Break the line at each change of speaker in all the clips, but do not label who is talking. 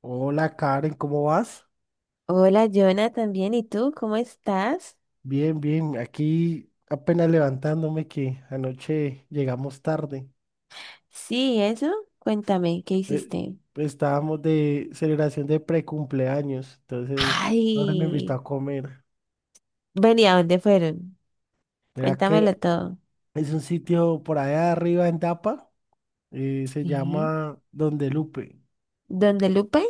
Hola Karen, ¿cómo vas?
Hola, Jonah, también. ¿Y tú? ¿Cómo estás?
Bien, bien, aquí apenas levantándome que anoche llegamos tarde.
Sí, eso. Cuéntame, ¿qué
Eh,
hiciste?
Estábamos de celebración de precumpleaños, entonces ahora me invitó
Ay,
a comer.
venía, ¿dónde fueron?
Mira que
Cuéntamelo todo.
es un sitio por allá arriba en Tapa, se
Sí.
llama Donde Lupe.
¿Dónde Lupe?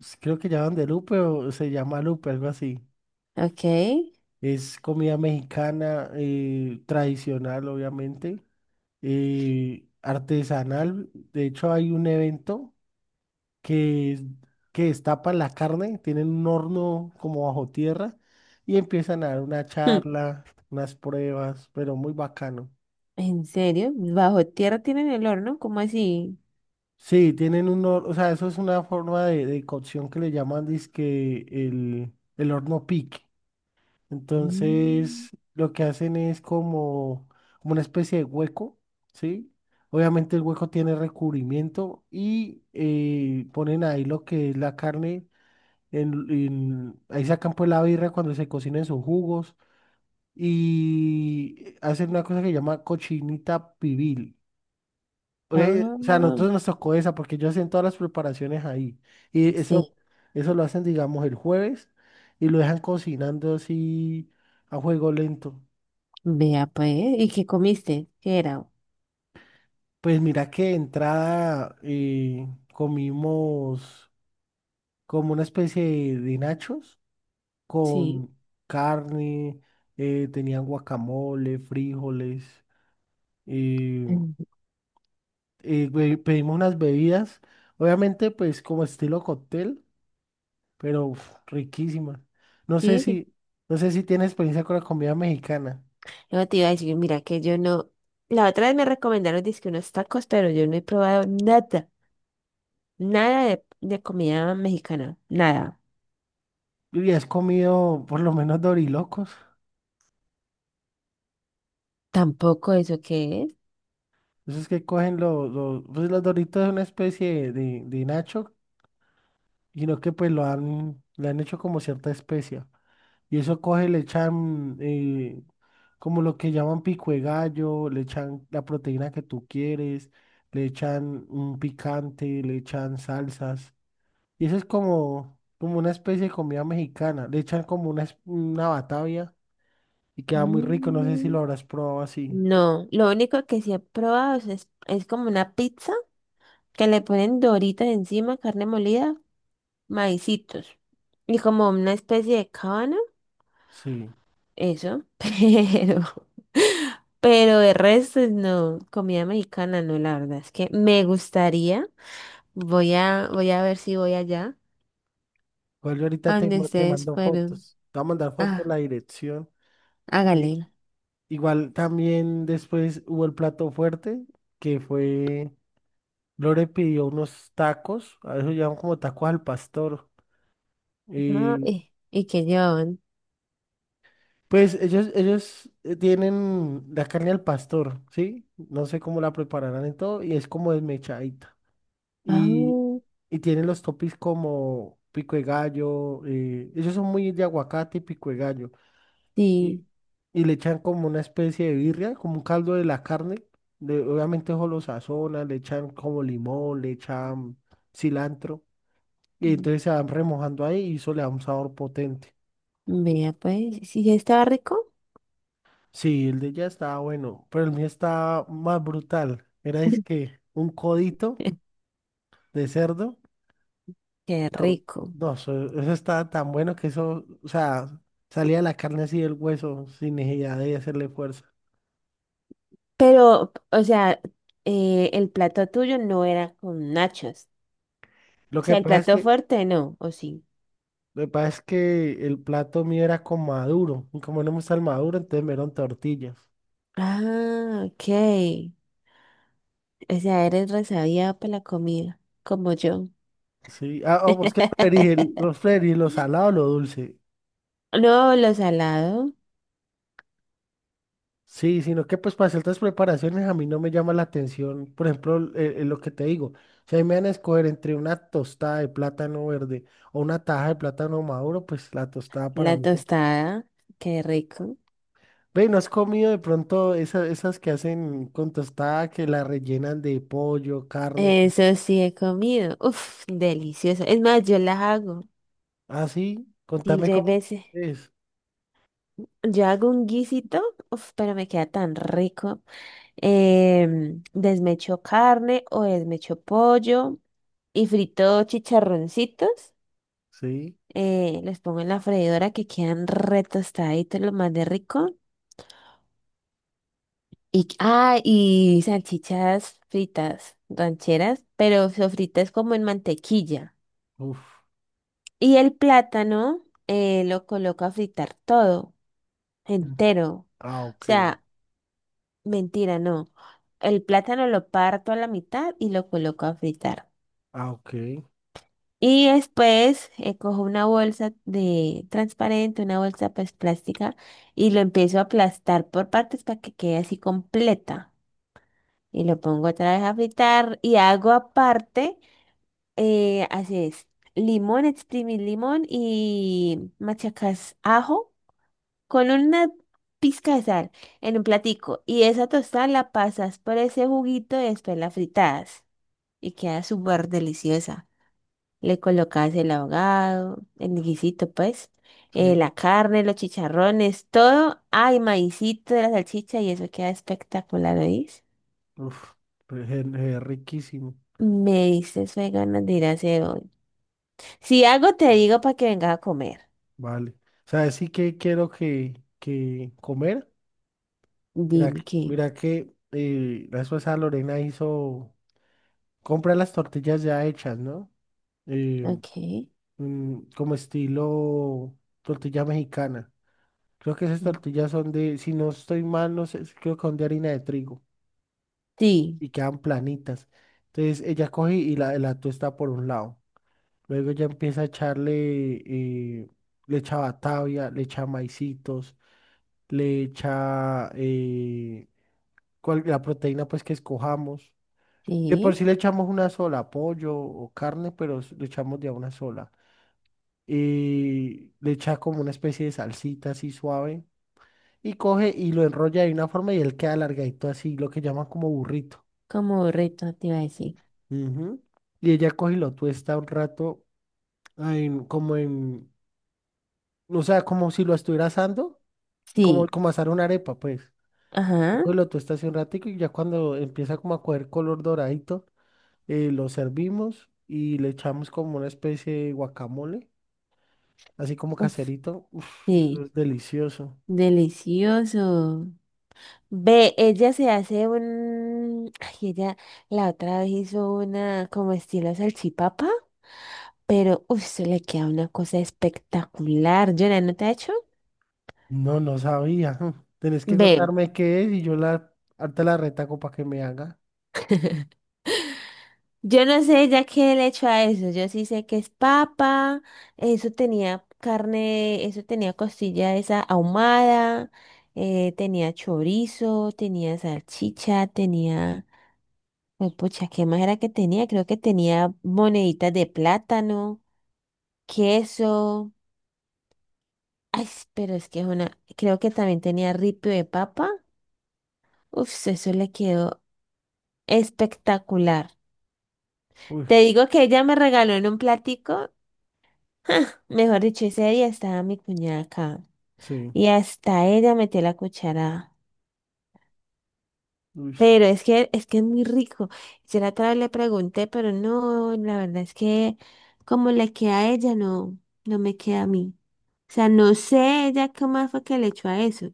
Creo que llama Donde Lupe o se llama Lupe, algo así.
Ok.
Es comida mexicana, tradicional, obviamente. Artesanal. De hecho, hay un evento que, es- que destapan la carne, tienen un horno como bajo tierra y empiezan a dar una
Hmm.
charla, unas pruebas, pero muy bacano.
¿En serio? ¿Bajo tierra tienen el horno? ¿Cómo así?
Sí, tienen un horno, o sea, eso es una forma de cocción que le llaman dizque el horno pique.
Mm.
Entonces, lo que hacen es como, como una especie de hueco, ¿sí? Obviamente el hueco tiene recubrimiento y ponen ahí lo que es la carne, ahí sacan pues la birra cuando se cocinen sus jugos y hacen una cosa que se llama cochinita pibil. Oye,
Ah,
o sea, a nosotros nos tocó esa porque yo hacen todas las preparaciones ahí y eso,
sí.
eso lo hacen, digamos, el jueves y lo dejan cocinando así a fuego lento.
Vea, pues. ¿Y qué comiste? ¿Qué era?
Pues mira que de entrada comimos como una especie de nachos
Sí.
con carne, tenían guacamole, frijoles, eh,
Mm.
pedimos unas bebidas, obviamente pues como estilo cóctel, pero uf, riquísimas. No sé
Sí, sí.
si, no sé si tienes experiencia con la comida mexicana.
No te iba a decir, mira, que yo no. La otra vez me recomendaron dizque unos tacos, pero yo no he probado nada. Nada de comida mexicana, nada.
¿Y has comido por lo menos dorilocos?
Tampoco eso que es.
Esos que cogen pues los doritos es una especie de nacho y no que pues lo han, le han hecho como cierta especia. Y eso coge, le echan como lo que llaman pico de gallo, le echan la proteína que tú quieres, le echan un picante, le echan salsas. Y eso es como, como una especie de comida mexicana. Le echan como una batavia y queda muy rico. No sé si
Mm.
lo habrás probado así.
No, lo único que sí he probado es, es como una pizza que le ponen doritas encima, carne molida, maicitos y como una especie de cábano,
Sí.
eso, pero de resto no, comida mexicana no, la verdad es que me gustaría, voy a ver si voy allá
Igual yo ahorita
a donde
te
ustedes
mando
fueron.
fotos. Te voy a mandar fotos, la
Ah,
dirección.
hágale.
Igual también después hubo el plato fuerte, que fue, Lore pidió unos tacos, a eso llaman como tacos al pastor.
Ah,
Y
y que llevaban.
pues ellos tienen la carne al pastor, ¿sí? No sé cómo la prepararán y todo, y es como desmechadita.
Ah,
Y, y tienen los topis como pico de gallo, ellos son muy de aguacate y pico de gallo. Y,
sí.
y le echan como una especie de birria, como un caldo de la carne. Obviamente eso lo sazonan, le echan como limón, le echan cilantro. Y
Mm.
entonces se van remojando ahí y eso le da un sabor potente.
Vea, pues, sí, estaba rico.
Sí, el de ella estaba bueno, pero el mío estaba más brutal. Era es que un codito de cerdo.
Qué
No,
rico.
no, eso estaba tan bueno que eso, o sea, salía la carne así del hueso sin necesidad de hacerle fuerza.
Pero, o sea, el plato tuyo no era con nachos.
Lo
O
que
sea, el
pasa es
plato
que
fuerte no, ¿o sí?
Lo que pasa es que el plato mío era con maduro, y como no me gusta el maduro, entonces me dieron tortillas.
Ah, ok. O sea, eres resabía para la comida, como yo.
Sí, ah, oh, pues qué preferís, los preferís, lo salado o lo dulce.
No, lo salado,
Sí, sino que pues para ciertas preparaciones a mí no me llama la atención, por ejemplo, lo que te digo, si ahí me van a escoger entre una tostada de plátano verde o una taja de plátano maduro, pues la tostada para
la
mí siempre.
tostada, qué rico.
Ve, ¿no has comido de pronto esas que hacen con tostada que la rellenan de pollo, carne?
Eso sí he comido. Uf, delicioso. Es más, yo las hago.
Ah, sí,
Y
contame
ya hay
cómo
veces.
es.
Yo hago un guisito, uf, pero me queda tan rico. Desmecho carne o desmecho pollo y frito chicharroncitos.
Sí,
Los pongo en la freidora que quedan re tostaditos, lo más de rico. Y, ah, y salchichas fritas, rancheras, pero sofritas como en mantequilla.
uf.
Y el plátano lo coloco a fritar todo,
Mm,
entero. O
ah, ok,
sea, mentira, no. El plátano lo parto a la mitad y lo coloco a fritar.
ah, ok,
Y después cojo una bolsa de transparente, una bolsa pues plástica, y lo empiezo a aplastar por partes para que quede así completa. Y lo pongo otra vez a fritar y hago aparte, así es, limón, exprimir limón y machacas ajo con una pizca de sal en un platico y esa tostada la pasas por ese juguito y después la fritas y queda súper deliciosa. Le colocas el ahogado, el guisito pues,
sí,
la carne, los chicharrones, todo. Hay maicito de la salchicha y eso queda espectacular, ¿oís?
uf, pues es riquísimo,
Me diste fue ganas de ir a hacer hoy. Si algo te digo para que vengas a comer.
vale. ¿Sabes sí que quiero que comer? Mira,
Dime qué.
mira que la esposa Lorena hizo, compra las tortillas ya hechas, ¿no? Eh,
Ok.
Como estilo tortilla mexicana. Creo que esas
Mm.
tortillas son de, si no estoy mal, no sé, creo que son de harina de trigo
Sí,
y quedan planitas. Entonces ella coge y la tuesta por un lado. Luego ya empieza a echarle, le echa batavia, le echa maicitos, le echa la proteína pues que escojamos. De por sí
sí.
le echamos una sola, pollo o carne, pero le echamos de a una sola. Y le echa como una especie de salsita así suave. Y coge y lo enrolla de una forma y él queda alargadito así, lo que llaman como burrito.
Como reto te iba a decir.
Ujú. Y ella coge y lo tuesta un rato, en- como en, o sea, como si lo estuviera asando como,
Sí.
como asar una arepa, pues.
Ajá.
Después lo tostas un ratico y ya cuando empieza como a coger color doradito, lo servimos y le echamos como una especie de guacamole, así como
Uf,
caserito. Uf, eso
sí,
es delicioso.
delicioso. Ve, ella se hace un... Ay, ella la otra vez hizo una como estilo salchipapa, pero uf, se le queda una cosa espectacular. Yo, ¿no te ha hecho?
No, no sabía. Mm. Tenés que
Ve,
contarme qué es y yo la, harta la retaco para que me haga.
yo no sé ya qué le hecho a eso. Yo sí sé que es papa, eso tenía carne, eso tenía costilla esa ahumada, tenía chorizo, tenía salchicha, tenía... Pues, pucha, ¿qué más era que tenía? Creo que tenía moneditas de plátano, queso. Ay, s- pero es que es una. Creo que también tenía ripio de papa. Uf, eso le quedó espectacular.
Uy,
Te digo que ella me regaló en un platico. Mejor dicho, ese día estaba mi cuñada acá.
sí,
Y hasta ella metió la cuchara.
uy,
Pero es que es muy rico. Yo la otra vez le pregunté, pero no, la verdad es que como le queda a ella, no, no me queda a mí. O sea, no sé ella qué más fue que le echó a eso,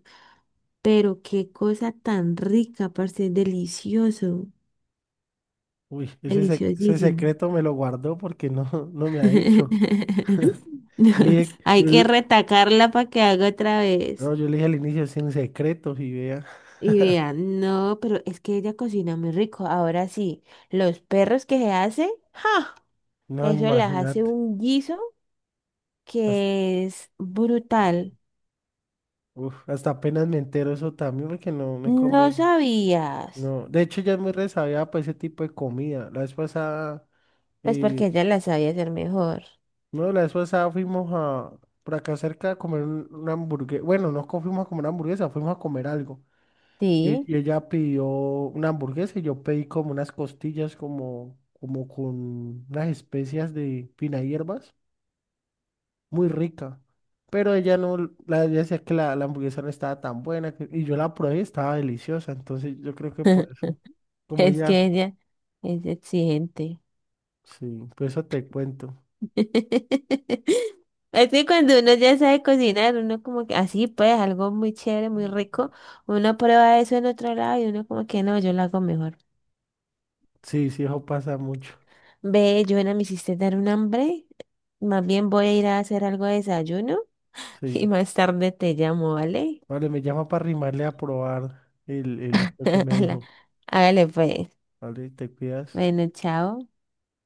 pero qué cosa tan rica, parce, es delicioso,
uy, ese
deliciosísimo.
secreto me lo guardó porque no, no me ha dicho. Yo
No,
le dije,
hay
yo
que
le-
retacarla para que haga otra vez.
No, yo le dije al inicio sin secretos y vea.
Y vean, no, pero es que ella cocina muy rico. Ahora sí, los perros que se hace, ¡ja!
No,
Eso les hace
imagínate.
un guiso
Hasta,
que es brutal.
uf, hasta apenas me entero eso también porque no me he
No
comido.
sabías.
No, de hecho ya es muy resabiada para ese tipo de comida. La vez pasada,
Pues porque
eh,
ella la sabía hacer mejor.
no, la vez pasada por acá cerca a comer una hamburguesa. Bueno, no co- fuimos a comer una hamburguesa, fuimos a comer algo.
Sí.
Y ella pidió una hamburguesa y yo pedí como unas costillas como, como con unas especias de fina hierbas. Muy rica. Pero ella no, ella decía que la hamburguesa no estaba tan buena que- y yo la probé estaba deliciosa. Entonces yo creo que por eso, como
Es
ella,
que ella es exigente.
sí, por eso te cuento.
Es que cuando uno ya sabe cocinar, uno como que así pues, algo muy chévere, muy
Mm,
rico, uno prueba eso en otro lado y uno como que no, yo lo hago mejor.
sí, sí, eso pasa mucho.
Ve, Joana, me hiciste dar un hambre. Más bien voy a ir a hacer algo de desayuno y
Sí.
más tarde te llamo, ¿vale?
Vale, me llama para arrimarle a probar lo que me
Hágale,
dijo.
hágale, pues.
Vale, te cuidas.
Bueno, chao.